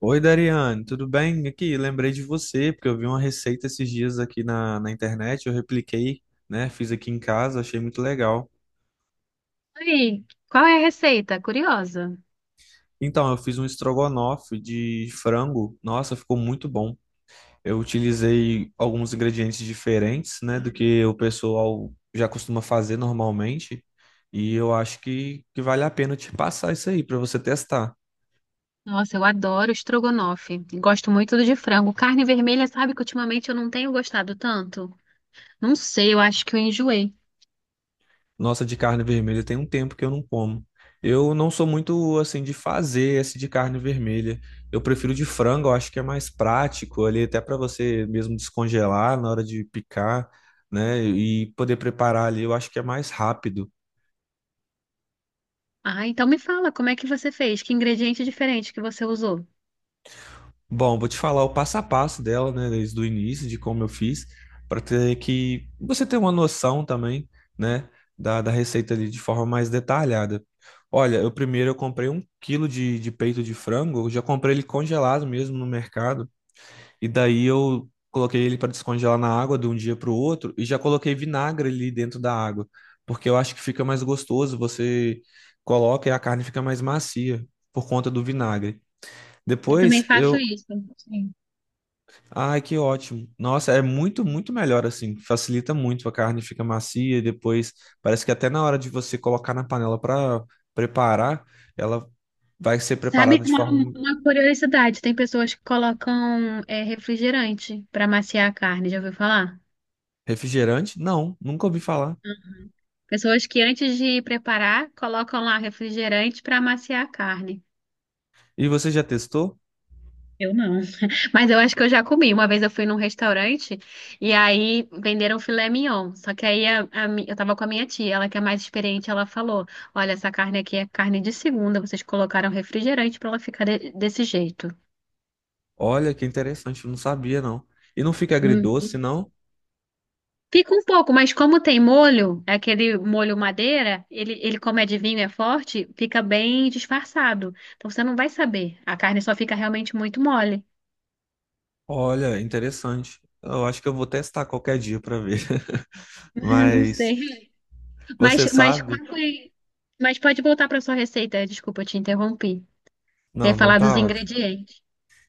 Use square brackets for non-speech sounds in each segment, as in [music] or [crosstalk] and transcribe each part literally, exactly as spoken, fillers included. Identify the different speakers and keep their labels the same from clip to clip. Speaker 1: Oi, Dariane, tudo bem? Aqui, lembrei de você, porque eu vi uma receita esses dias aqui na, na internet, eu repliquei, né? Fiz aqui em casa, achei muito legal.
Speaker 2: Aí, qual é a receita? Curiosa.
Speaker 1: Então, eu fiz um estrogonofe de frango, nossa, ficou muito bom. Eu utilizei alguns ingredientes diferentes, né, do que o pessoal já costuma fazer normalmente, e eu acho que, que vale a pena eu te passar isso aí para você testar.
Speaker 2: Nossa, eu adoro estrogonofe. Gosto muito do de frango. Carne vermelha, sabe que ultimamente eu não tenho gostado tanto? Não sei, eu acho que eu enjoei.
Speaker 1: Nossa, de carne vermelha tem um tempo que eu não como. Eu não sou muito assim de fazer esse de carne vermelha. Eu prefiro de frango, eu acho que é mais prático ali, até para você mesmo descongelar na hora de picar, né? E poder preparar ali, eu acho que é mais rápido.
Speaker 2: Ah, então me fala, como é que você fez? Que ingrediente diferente que você usou?
Speaker 1: Bom, vou te falar o passo a passo dela, né, desde o início, de como eu fiz, para ter que você ter uma noção também, né, da, da receita ali de forma mais detalhada. Olha, eu primeiro eu comprei um quilo de, de peito de frango, eu já comprei ele congelado mesmo no mercado, e daí eu coloquei ele para descongelar na água de um dia para o outro, e já coloquei vinagre ali dentro da água, porque eu acho que fica mais gostoso, você coloca e a carne fica mais macia por conta do vinagre.
Speaker 2: Eu também
Speaker 1: Depois
Speaker 2: faço
Speaker 1: eu.
Speaker 2: isso. Sim.
Speaker 1: Ai, que ótimo. Nossa, é muito, muito melhor assim. Facilita muito, a carne fica macia e depois parece que até na hora de você colocar na panela para preparar, ela vai ser
Speaker 2: Sabe
Speaker 1: preparada de
Speaker 2: uma,
Speaker 1: forma.
Speaker 2: uma curiosidade? Tem pessoas que colocam é, refrigerante para maciar a carne, já ouviu falar?
Speaker 1: Refrigerante? Não, nunca ouvi falar.
Speaker 2: Pessoas que antes de preparar, colocam lá refrigerante para maciar a carne.
Speaker 1: E você já testou?
Speaker 2: Eu não. [laughs] Mas eu acho que eu já comi. Uma vez eu fui num restaurante e aí venderam filé mignon. Só que aí a- a mi- eu tava com a minha tia, ela que é mais experiente, ela falou: Olha, essa carne aqui é carne de segunda, vocês colocaram refrigerante pra ela ficar de- desse jeito.
Speaker 1: Olha, que interessante, eu não sabia não. E não fica
Speaker 2: Hum.
Speaker 1: agridoce, não?
Speaker 2: Fica um pouco, mas como tem molho, é aquele molho madeira, ele, ele como é de vinho, é forte, fica bem disfarçado. Então você não vai saber. A carne só fica realmente muito mole.
Speaker 1: Olha, interessante. Eu acho que eu vou testar qualquer dia para ver.
Speaker 2: [laughs]
Speaker 1: [laughs]
Speaker 2: Eu não
Speaker 1: Mas
Speaker 2: sei. Mas,
Speaker 1: você
Speaker 2: mas
Speaker 1: sabe?
Speaker 2: qual foi? Mas pode voltar para sua receita. Desculpa, eu te interrompi.
Speaker 1: Não,
Speaker 2: Quer
Speaker 1: não
Speaker 2: falar dos
Speaker 1: tá ótimo.
Speaker 2: ingredientes.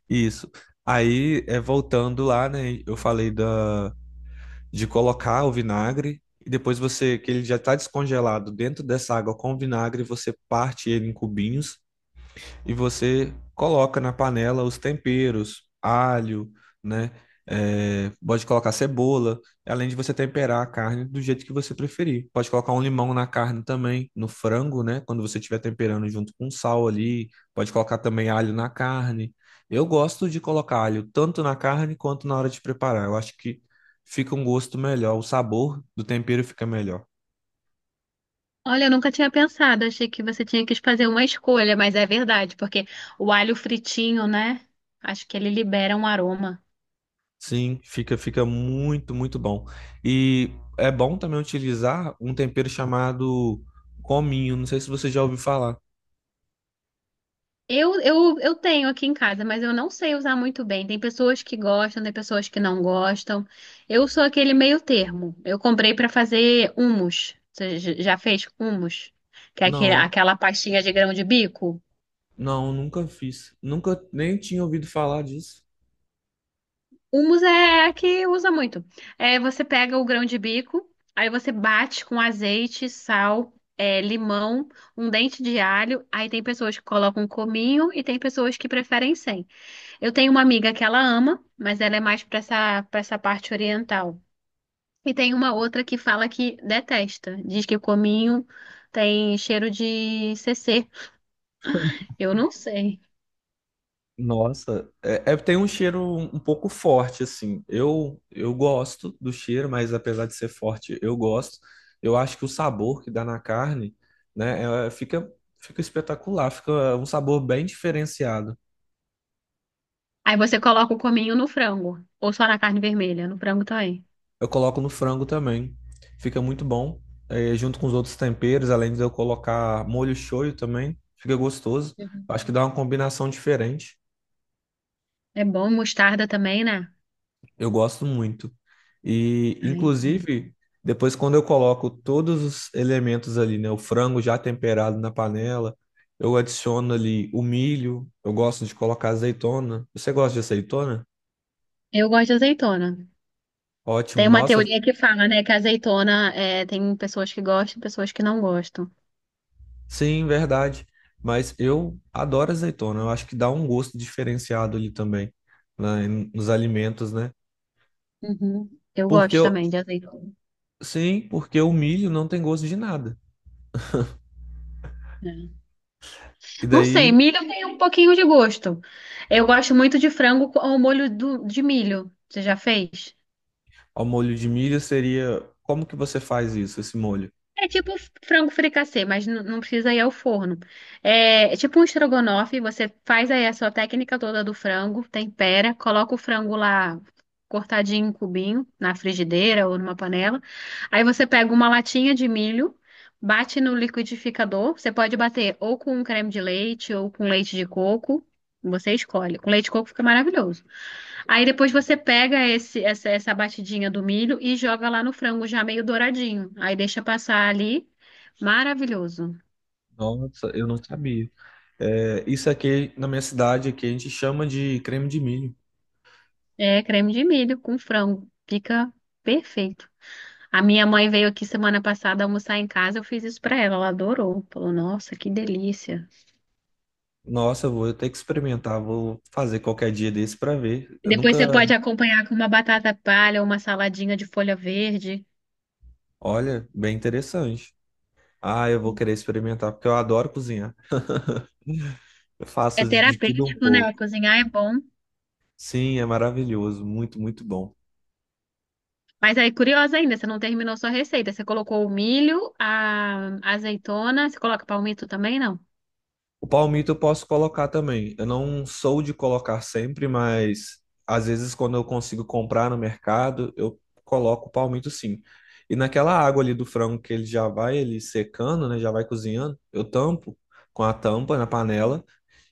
Speaker 1: Isso. Aí, é, voltando lá, né? Eu falei da, de colocar o vinagre e depois você, que ele já está descongelado dentro dessa água com o vinagre, você parte ele em cubinhos e você coloca na panela os temperos, alho, né? É, pode colocar cebola, além de você temperar a carne do jeito que você preferir. Pode colocar um limão na carne também, no frango, né? Quando você estiver temperando junto com sal ali, pode colocar também alho na carne. Eu gosto de colocar alho tanto na carne quanto na hora de preparar. Eu acho que fica um gosto melhor, o sabor do tempero fica melhor.
Speaker 2: Olha, eu nunca tinha pensado. Achei que você tinha que fazer uma escolha, mas é verdade, porque o alho fritinho, né? Acho que ele libera um aroma.
Speaker 1: Sim, fica fica muito, muito bom. E é bom também utilizar um tempero chamado cominho, não sei se você já ouviu falar.
Speaker 2: Eu, eu, eu tenho aqui em casa, mas eu não sei usar muito bem. Tem pessoas que gostam, tem pessoas que não gostam. Eu sou aquele meio termo. Eu comprei para fazer hummus. Você j- já fez hummus? Que é aquele-
Speaker 1: Não,
Speaker 2: aquela pastinha de grão de bico?
Speaker 1: não, nunca fiz. Nunca nem tinha ouvido falar disso.
Speaker 2: Hummus é a que usa muito. É, você pega o grão de bico, aí você bate com azeite, sal, é, limão, um dente de alho. Aí tem pessoas que colocam um cominho e tem pessoas que preferem sem. Eu tenho uma amiga que ela ama, mas ela é mais para essa, para essa parte oriental. E tem uma outra que fala que detesta. Diz que o cominho tem cheiro de C C. Eu não sei.
Speaker 1: Nossa, é, é- tem um cheiro um, um pouco forte assim. Eu eu gosto do cheiro, mas apesar de ser forte, eu gosto. Eu acho que o sabor que dá na carne, né, é- fica fica espetacular, fica um sabor bem diferenciado.
Speaker 2: Aí você coloca o cominho no frango, ou só na carne vermelha, no frango também.
Speaker 1: Eu coloco no frango também. Fica muito bom. É, junto com os outros temperos, além de eu colocar molho shoyu também, fica gostoso. Eu acho que dá uma combinação diferente.
Speaker 2: É bom, mostarda também, né?
Speaker 1: Eu gosto muito. E,
Speaker 2: Ai,
Speaker 1: inclusive, depois quando eu coloco todos os elementos ali, né? O frango já temperado na panela, eu adiciono ali o milho, eu gosto de colocar azeitona. Você gosta de azeitona?
Speaker 2: eu gosto de azeitona.
Speaker 1: Ótimo.
Speaker 2: Tem uma
Speaker 1: Nossa.
Speaker 2: teoria que fala, né, que a azeitona é, tem pessoas que gostam e pessoas que não gostam.
Speaker 1: Sim, verdade. Mas eu adoro azeitona. Eu acho que dá um gosto diferenciado ali também, né, em- nos alimentos, né?
Speaker 2: Uhum. Eu
Speaker 1: Porque
Speaker 2: gosto
Speaker 1: eu,
Speaker 2: também de azeitona.
Speaker 1: sim, porque o milho não tem gosto de nada.
Speaker 2: É.
Speaker 1: E
Speaker 2: Não sei,
Speaker 1: daí,
Speaker 2: milho tem um pouquinho de gosto. Eu gosto muito de frango com o molho do- de milho. Você já fez?
Speaker 1: ao molho de milho seria, como que você faz isso, esse molho?
Speaker 2: É tipo frango fricassê, mas n- não precisa ir ao forno. É, é tipo um estrogonofe, você faz aí a sua técnica toda do frango, tempera, coloca o frango lá cortadinho em cubinho, na frigideira ou numa panela. Aí você pega uma latinha de milho, bate no liquidificador. Você pode bater ou com um creme de leite ou com leite de coco, você escolhe. Com leite de coco fica maravilhoso. Aí depois você pega esse, essa, essa batidinha do milho e joga lá no frango já meio douradinho. Aí deixa passar ali. Maravilhoso.
Speaker 1: Nossa, eu não sabia. É, isso aqui na minha cidade aqui a gente chama de creme de milho.
Speaker 2: É creme de milho com frango. Fica perfeito. A minha mãe veio aqui semana passada almoçar em casa, eu fiz isso pra ela, ela adorou. Falou, nossa, que delícia.
Speaker 1: Nossa, eu vou ter que experimentar, vou fazer qualquer dia desse para ver. Eu
Speaker 2: Depois
Speaker 1: nunca,
Speaker 2: você pode acompanhar com uma batata palha ou uma saladinha de folha verde.
Speaker 1: olha, bem interessante. Ah, eu vou querer experimentar, porque eu adoro cozinhar. Eu
Speaker 2: É
Speaker 1: faço de tudo um
Speaker 2: terapêutico, né?
Speaker 1: pouco.
Speaker 2: Cozinhar é bom.
Speaker 1: Sim, é maravilhoso, muito, muito bom.
Speaker 2: Mas aí, curiosa ainda, você não terminou sua receita. Você colocou o milho, a a azeitona, você coloca palmito também, não?
Speaker 1: O palmito eu posso colocar também. Eu não sou de colocar sempre, mas às vezes quando eu consigo comprar no mercado, eu coloco o palmito sim. E naquela água ali do frango que ele já vai ele secando, né, já vai cozinhando, eu tampo com a tampa na panela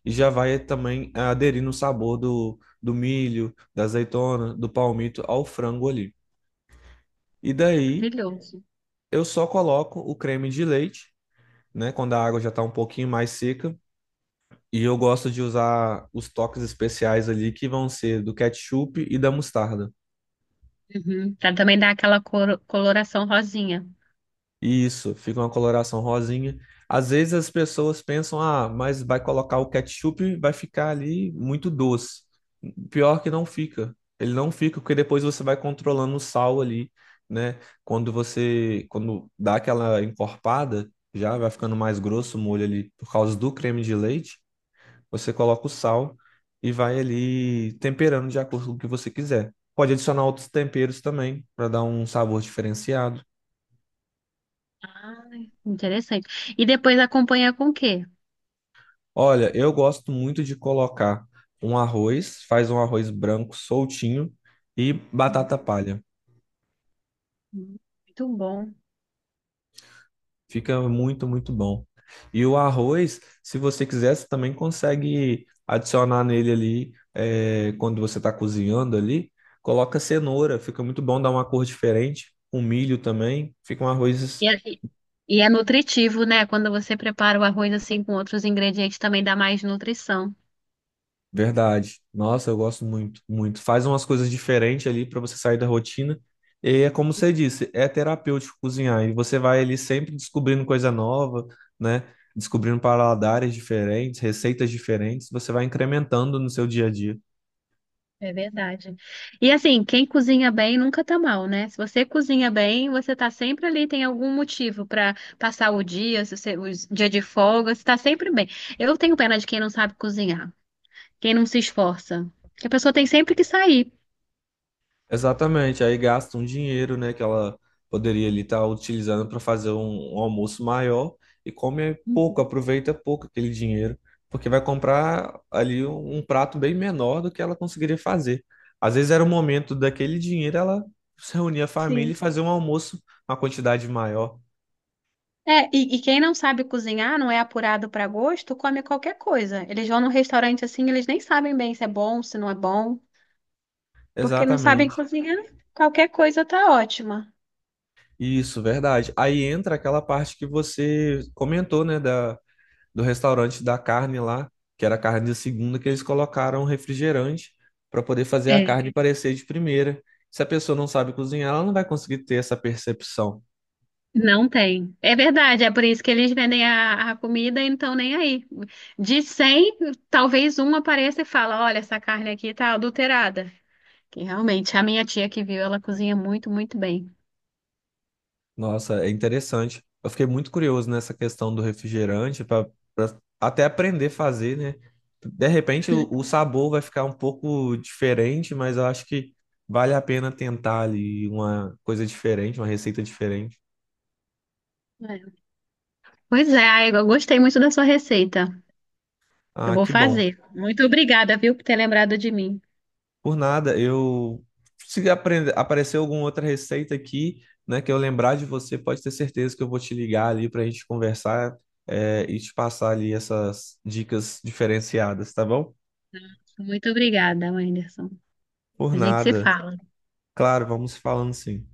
Speaker 1: e já vai também aderindo o sabor do, do milho, da azeitona, do palmito ao frango ali. E daí
Speaker 2: Maravilhoso.
Speaker 1: eu só coloco o creme de leite, né? Quando a água já está um pouquinho mais seca. E eu gosto de usar os toques especiais ali, que vão ser do ketchup e da mostarda.
Speaker 2: Uhum. Pra também dar aquela cor- coloração rosinha.
Speaker 1: E isso, fica uma coloração rosinha. Às vezes as pessoas pensam, ah, mas vai colocar o ketchup, vai ficar ali muito doce. Pior que não fica. Ele não fica, porque depois você vai controlando o sal ali, né? Quando você, quando dá aquela encorpada, já vai ficando mais grosso o molho ali por causa do creme de leite. Você coloca o sal e vai ali temperando de acordo com o que você quiser. Pode adicionar outros temperos também para dar um sabor diferenciado.
Speaker 2: Ai, interessante. E depois acompanha com o quê?
Speaker 1: Olha, eu gosto muito de colocar um arroz, faz um arroz branco soltinho e batata
Speaker 2: Uhum.
Speaker 1: palha.
Speaker 2: Muito bom.
Speaker 1: Fica muito, muito bom. E o arroz, se você quiser, você também consegue adicionar nele ali, eh, quando você está cozinhando ali, coloca cenoura, fica muito bom, dá uma cor diferente. Com milho também, fica um arroz.
Speaker 2: E é, e e é nutritivo, né? Quando você prepara o arroz assim com outros ingredientes, também dá mais nutrição.
Speaker 1: Verdade. Nossa, eu gosto muito, muito. Faz umas coisas diferentes ali para você sair da rotina. E é como você disse, é terapêutico cozinhar. E você vai ali sempre descobrindo coisa nova, né? Descobrindo paladares diferentes, receitas diferentes. Você vai incrementando no seu dia a dia.
Speaker 2: É verdade. E assim, quem cozinha bem nunca tá mal, né? Se você cozinha bem, você tá sempre ali, tem algum motivo pra passar o dia, se você, o dia de folga, você tá sempre bem. Eu tenho pena de quem não sabe cozinhar, quem não se esforça. Que a pessoa tem sempre que sair.
Speaker 1: Exatamente, aí gasta um dinheiro, né, que ela poderia ali estar utilizando para fazer um, um almoço maior e come pouco,
Speaker 2: Uhum.
Speaker 1: aproveita pouco aquele dinheiro, porque vai comprar ali um, um prato bem menor do que ela conseguiria fazer. Às vezes era o momento daquele dinheiro ela se reunir a família e
Speaker 2: Sim.
Speaker 1: fazer um almoço, uma quantidade maior.
Speaker 2: É, e, e quem não sabe cozinhar, não é apurado pra gosto, come qualquer coisa. Eles vão num restaurante assim, eles nem sabem bem se é bom, se não é bom, porque não sabem
Speaker 1: Exatamente.
Speaker 2: cozinhar, qualquer coisa tá ótima.
Speaker 1: Isso, verdade. Aí entra aquela parte que você comentou, né, da do restaurante da carne lá, que era a carne de segunda, que eles colocaram refrigerante para poder fazer a
Speaker 2: É.
Speaker 1: carne parecer de primeira. Se a pessoa não sabe cozinhar, ela não vai conseguir ter essa percepção.
Speaker 2: Não tem. É verdade, é por isso que eles vendem a, a comida e não estão nem aí. De cem, talvez um apareça e fala: Olha, essa carne aqui tá adulterada. Que realmente, a minha tia que viu, ela cozinha muito, muito bem.
Speaker 1: Nossa, é interessante. Eu fiquei muito curioso nessa questão do refrigerante para até aprender a fazer, né? De repente o, o sabor vai ficar um pouco diferente, mas eu acho que vale a pena tentar ali uma coisa diferente, uma receita diferente.
Speaker 2: É. Pois é, ai, eu gostei muito da sua receita. Eu
Speaker 1: Ah,
Speaker 2: vou
Speaker 1: que bom.
Speaker 2: fazer. Muito obrigada, viu, por ter lembrado de mim.
Speaker 1: Por nada, eu se aprender, aparecer alguma outra receita aqui, né, que eu lembrar de você, pode ter certeza que eu vou te ligar ali para a gente conversar, eh, e te passar ali essas dicas diferenciadas, tá bom?
Speaker 2: Muito obrigada, Anderson.
Speaker 1: Por
Speaker 2: A gente se
Speaker 1: nada.
Speaker 2: fala.
Speaker 1: Claro, vamos falando sim.